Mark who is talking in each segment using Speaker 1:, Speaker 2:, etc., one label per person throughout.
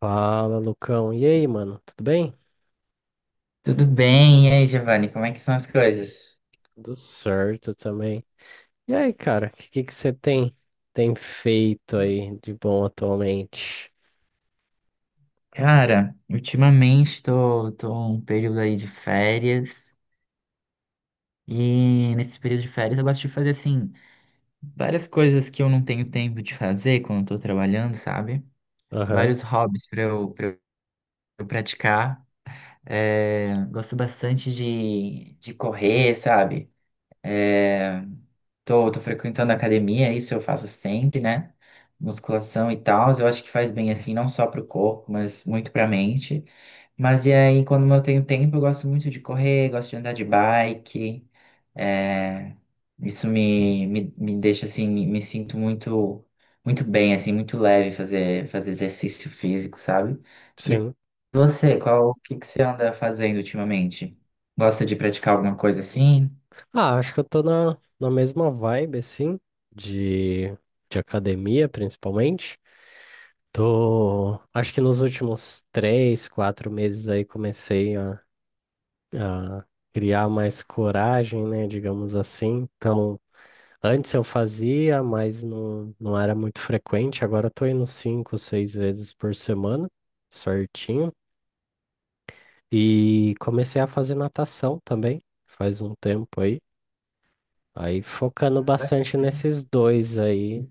Speaker 1: Fala, Lucão. E aí, mano? Tudo bem?
Speaker 2: Tudo bem? E aí, Giovanni, como é que são as coisas?
Speaker 1: Tudo certo também. E aí, cara, o que que você tem feito aí de bom atualmente?
Speaker 2: Cara, ultimamente tô um período aí de férias e nesse período de férias eu gosto de fazer, assim, várias coisas que eu não tenho tempo de fazer quando tô trabalhando, sabe?
Speaker 1: Aham,
Speaker 2: Vários hobbies pra eu praticar. É, gosto bastante de correr, sabe? É, tô frequentando a academia, isso eu faço sempre, né? Musculação e tal, eu acho que faz bem assim, não só pro corpo, mas muito pra mente. Mas e aí, quando eu tenho tempo, eu gosto muito de correr, gosto de andar de bike. É, Isso me deixa assim, me sinto muito bem, assim, muito leve fazer, fazer exercício físico, sabe? E
Speaker 1: sim.
Speaker 2: você, o que que você anda fazendo ultimamente? Gosta de praticar alguma coisa assim?
Speaker 1: Ah, acho que eu tô na mesma vibe, assim, de, de academia, principalmente. Tô, acho que nos últimos três, quatro meses aí comecei a criar mais coragem, né, digamos assim. Então, antes eu fazia, mas não era muito frequente. Agora eu tô indo cinco, seis vezes por semana, certinho. E comecei a fazer natação também, faz um tempo aí. Aí focando
Speaker 2: Ah,
Speaker 1: bastante
Speaker 2: bacana.
Speaker 1: nesses dois aí,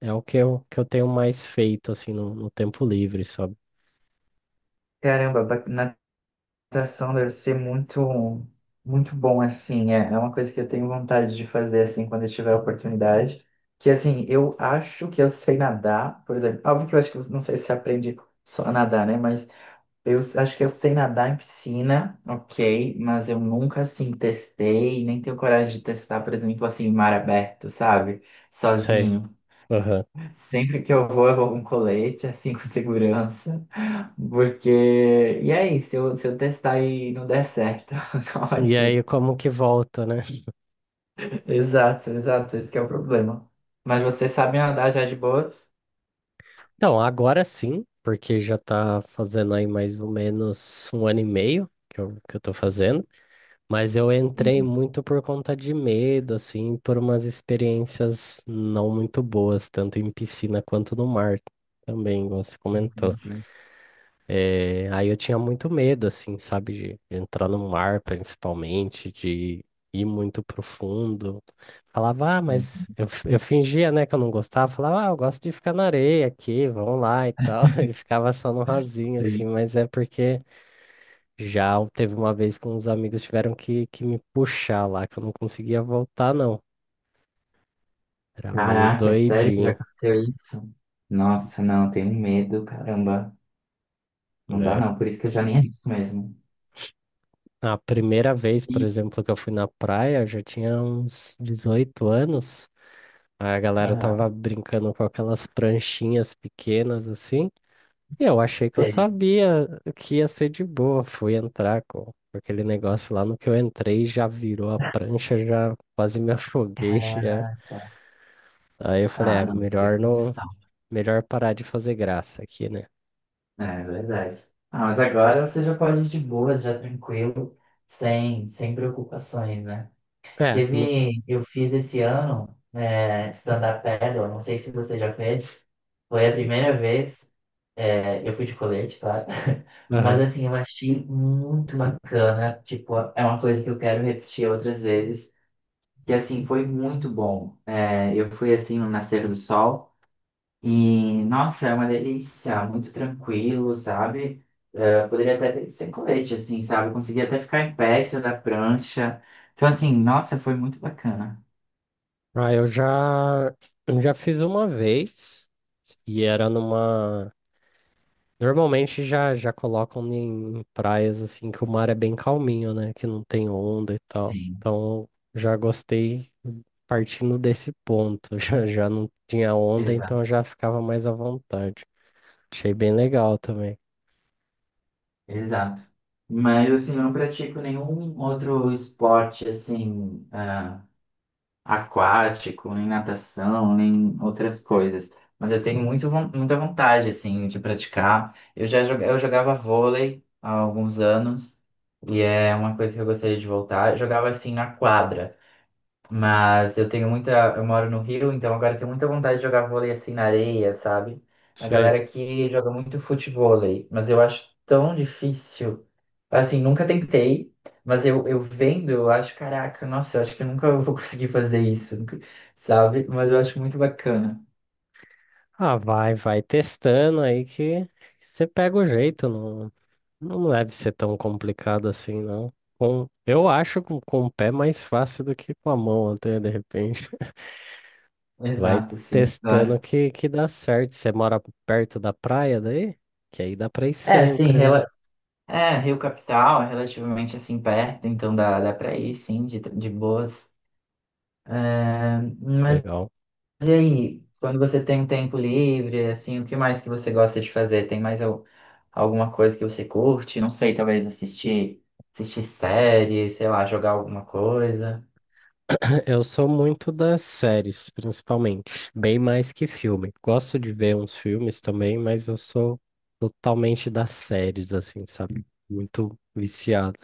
Speaker 1: é o que eu tenho mais feito, assim, no tempo livre, sabe?
Speaker 2: Caramba, natação deve ser muito, muito bom, assim. É é uma coisa que eu tenho vontade de fazer, assim, quando eu tiver a oportunidade. Que, assim, eu acho que eu sei nadar, por exemplo. Óbvio que eu acho que, não sei se você aprende só a nadar, né? Mas eu acho que eu sei nadar em piscina, ok. Mas eu nunca, assim, testei, nem tenho coragem de testar, por exemplo, assim, em mar aberto, sabe?
Speaker 1: Sei.
Speaker 2: Sozinho.
Speaker 1: Aham.
Speaker 2: Sempre que eu vou com colete, assim, com segurança. Porque. E aí, se eu testar e não der certo, qual vai
Speaker 1: E aí
Speaker 2: ser?
Speaker 1: como que volta, né?
Speaker 2: Exato, exato, esse que é o problema. Mas vocês sabem andar já de boas?
Speaker 1: Então, agora sim, porque já tá fazendo aí mais ou menos um ano e meio que eu tô fazendo. Mas eu entrei
Speaker 2: Uhum.
Speaker 1: muito por conta de medo, assim, por umas experiências não muito boas, tanto em piscina quanto no mar também, como você comentou.
Speaker 2: Entendi.
Speaker 1: É, aí eu tinha muito medo, assim, sabe, de entrar no mar, principalmente, de ir muito profundo. Falava, ah, mas eu, eu fingia, né, que eu não gostava. Falava, ah, eu gosto de ficar na areia aqui, vamos lá e tal. E ficava só no rasinho, assim,
Speaker 2: Entendi.
Speaker 1: mas é porque. Já teve uma vez que uns amigos tiveram que me puxar lá, que eu não conseguia voltar, não. Era meio
Speaker 2: Caraca, é sério que já
Speaker 1: doidinho,
Speaker 2: aconteceu isso? Nossa, não, tenho medo, caramba. Não dá
Speaker 1: né?
Speaker 2: não, por isso que eu já nem arrisco mesmo.
Speaker 1: A primeira vez, por
Speaker 2: Ih.
Speaker 1: exemplo, que eu fui na praia, eu já tinha uns 18 anos. Aí a galera
Speaker 2: Aham,
Speaker 1: tava brincando com aquelas pranchinhas pequenas assim. E eu achei que eu
Speaker 2: sei.
Speaker 1: sabia que ia ser de boa. Fui entrar com aquele negócio lá no que eu entrei, já virou a prancha, já quase me afoguei, já.
Speaker 2: Caraca.
Speaker 1: Aí eu falei,
Speaker 2: Ah,
Speaker 1: é,
Speaker 2: não, tem
Speaker 1: melhor não,
Speaker 2: condição.
Speaker 1: melhor parar de fazer graça aqui, né?
Speaker 2: É é verdade. Ah, mas agora você já pode ir de boas, já tranquilo, sem, sem preocupações, né?
Speaker 1: É,
Speaker 2: Teve, eu fiz esse ano é, stand-up paddle, não sei se você já fez, foi a primeira vez, é, eu fui de colete, claro, mas
Speaker 1: aham.
Speaker 2: assim, eu achei muito bacana, tipo, é uma coisa que eu quero repetir outras vezes, que assim, foi muito bom. É, eu fui assim no nascer do sol e, nossa, é uma delícia, muito tranquilo, sabe? É, poderia até ser colete, assim, sabe? Eu consegui até ficar em pé, em cima da prancha, então assim, nossa, foi muito bacana.
Speaker 1: Ah, eu já fiz uma vez e era numa. Normalmente já colocam em praias assim que o mar é bem calminho, né? Que não tem onda e tal.
Speaker 2: Sim,
Speaker 1: Então já gostei partindo desse ponto. Já não tinha onda, então
Speaker 2: exato,
Speaker 1: já ficava mais à vontade. Achei bem legal também.
Speaker 2: exato. Mas assim, eu não pratico nenhum outro esporte assim, ah, aquático, nem natação, nem outras coisas. Mas eu tenho muito, muita vontade assim de praticar. Eu jogava vôlei há alguns anos e é uma coisa que eu gostaria de voltar. Eu jogava assim na quadra. Mas eu tenho muita. Eu moro no Rio, então agora eu tenho muita vontade de jogar vôlei assim na areia, sabe? A
Speaker 1: Sei.
Speaker 2: galera que joga muito futevôlei, mas eu acho tão difícil. Assim, nunca tentei, mas eu vendo, eu acho, caraca, nossa, eu acho que eu nunca vou conseguir fazer isso, nunca- sabe? Mas eu acho muito bacana.
Speaker 1: Ah, vai testando aí que você pega o jeito. Não, não deve ser tão complicado assim, não. Eu acho com o pé mais fácil do que com a mão, até de repente. Vai
Speaker 2: Exato, sim,
Speaker 1: testando
Speaker 2: claro.
Speaker 1: que dá certo. Você mora perto da praia daí? Que aí dá pra ir
Speaker 2: É, sim,
Speaker 1: sempre, né?
Speaker 2: é, Rio Capital é relativamente assim perto, então dá, dá pra ir, sim, de boas. É, mas
Speaker 1: Legal.
Speaker 2: E aí, quando você tem um tempo livre, assim, o que mais que você gosta de fazer? Tem mais alguma coisa que você curte? Não sei, talvez assistir série, sei lá, jogar alguma coisa.
Speaker 1: Eu sou muito das séries, principalmente. Bem mais que filme. Gosto de ver uns filmes também, mas eu sou totalmente das séries, assim, sabe? Muito viciado.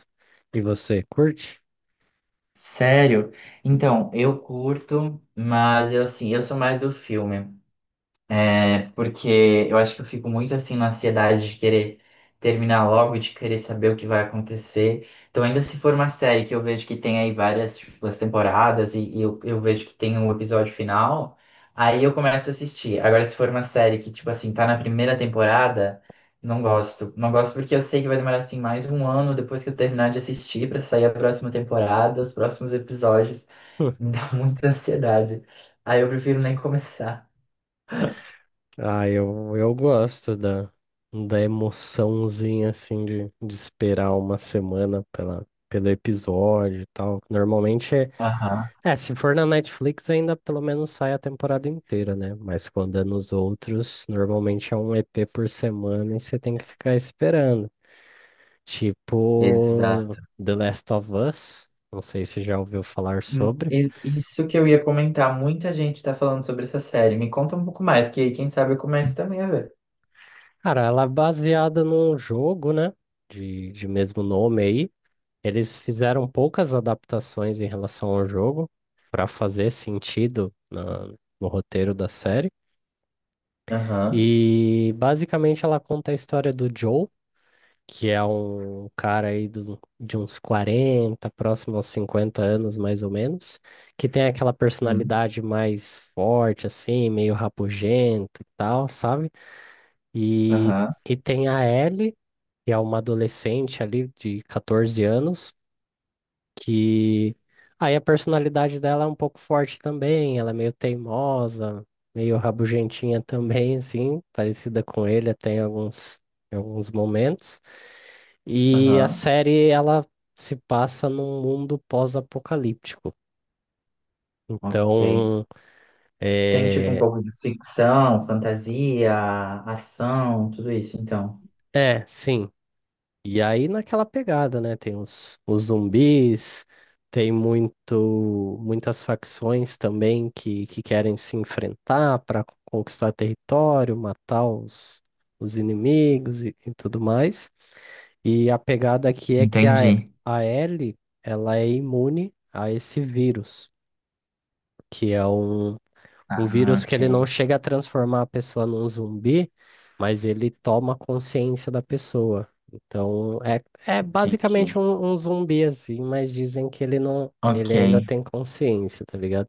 Speaker 1: E você, curte?
Speaker 2: Sério? Então, eu curto, mas eu assim, eu sou mais do filme. É, porque eu acho que eu fico muito assim na ansiedade de querer terminar logo, de querer saber o que vai acontecer. Então, ainda se for uma série que eu vejo que tem aí várias, tipo, as temporadas e eu vejo que tem um episódio final, aí eu começo a assistir. Agora, se for uma série que, tipo assim, tá na primeira temporada, não gosto. Não gosto porque eu sei que vai demorar assim mais um ano depois que eu terminar de assistir pra sair a próxima temporada, os próximos episódios. Me dá muita ansiedade. Aí eu prefiro nem começar.
Speaker 1: Ah, eu gosto da emoçãozinha, assim, de esperar uma semana pela, pelo episódio e tal. Normalmente é, se for na Netflix ainda pelo menos sai a temporada inteira, né? Mas quando é nos outros, normalmente é um EP por semana e você tem que ficar esperando. Tipo
Speaker 2: Exato.
Speaker 1: The Last of Us, não sei se já ouviu falar sobre.
Speaker 2: Isso que eu ia comentar, muita gente tá falando sobre essa série. Me conta um pouco mais, que aí quem sabe eu começo também a ver.
Speaker 1: Cara, ela é baseada num jogo, né? De mesmo nome aí. Eles fizeram poucas adaptações em relação ao jogo para fazer sentido no roteiro da série.
Speaker 2: Aham.
Speaker 1: E basicamente ela conta a história do Joe, que é um cara aí de uns 40, próximo aos 50 anos mais ou menos, que tem aquela
Speaker 2: Hum.
Speaker 1: personalidade mais forte, assim, meio rabugento e tal, sabe? E,
Speaker 2: Aham.
Speaker 1: e tem a Ellie, que é uma adolescente ali de 14 anos que aí a personalidade dela é um pouco forte também, ela é meio teimosa, meio rabugentinha também, assim, parecida com ele até em alguns momentos. E a
Speaker 2: Aham.
Speaker 1: série, ela se passa num mundo pós-apocalíptico.
Speaker 2: Ok.
Speaker 1: Então,
Speaker 2: Tem tipo um
Speaker 1: é,
Speaker 2: pouco de ficção, fantasia, ação, tudo isso, então.
Speaker 1: sim, e aí naquela pegada, né? Tem os zumbis, tem muitas facções também que querem se enfrentar para conquistar território, matar os inimigos e tudo mais. E a pegada aqui é que
Speaker 2: Entendi.
Speaker 1: a Ellie, ela é imune a esse vírus, que é um
Speaker 2: Ah,
Speaker 1: vírus que ele não
Speaker 2: ok.
Speaker 1: chega a transformar a pessoa num zumbi, mas ele toma consciência da pessoa. Então, é
Speaker 2: Entendi.
Speaker 1: basicamente um zumbi assim, mas dizem que ele não, ele
Speaker 2: Ok.
Speaker 1: ainda tem consciência, tá ligado?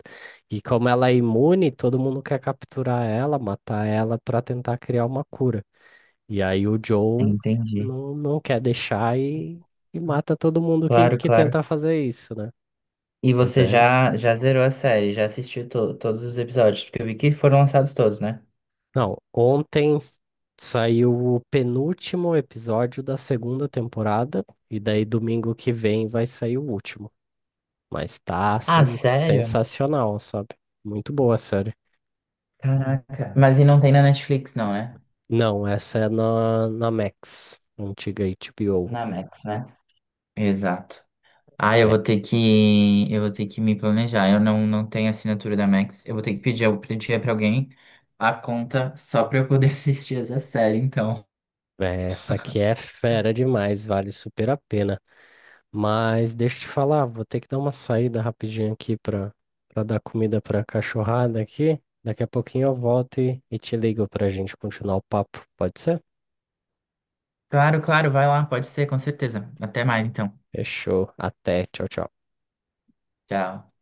Speaker 1: E como ela é imune, todo mundo quer capturar ela, matar ela pra tentar criar uma cura. E aí o Joe
Speaker 2: Entendi.
Speaker 1: não quer deixar e mata todo mundo
Speaker 2: Claro,
Speaker 1: que
Speaker 2: claro.
Speaker 1: tenta fazer isso, né?
Speaker 2: E
Speaker 1: Mas
Speaker 2: você
Speaker 1: é
Speaker 2: já, já zerou a série, já assistiu todos os episódios, porque eu vi que foram lançados todos, né?
Speaker 1: Não, ontem saiu o penúltimo episódio da segunda temporada, e daí domingo que vem vai sair o último. Mas tá,
Speaker 2: Ah,
Speaker 1: assim,
Speaker 2: sério?
Speaker 1: sensacional, sabe? Muito boa a série.
Speaker 2: Caraca. Mas e não tem na Netflix, não, né?
Speaker 1: Não, essa é na Max, antiga HBO.
Speaker 2: Na Max, né? Exato. Ah,
Speaker 1: É,
Speaker 2: eu vou ter que me planejar. Eu não, não tenho assinatura da Max. Eu vou ter que pedir, eu pedir para alguém a conta só para eu poder assistir essa série, então.
Speaker 1: essa aqui é fera demais, vale super a pena. Mas deixa eu te falar, vou ter que dar uma saída rapidinho aqui para dar comida para a cachorrada aqui. Daqui a pouquinho eu volto e te ligo para a gente continuar o papo. Pode ser?
Speaker 2: Claro, claro, vai lá, pode ser, com certeza. Até mais, então.
Speaker 1: Fechou. Até. Tchau, tchau.
Speaker 2: Tchau.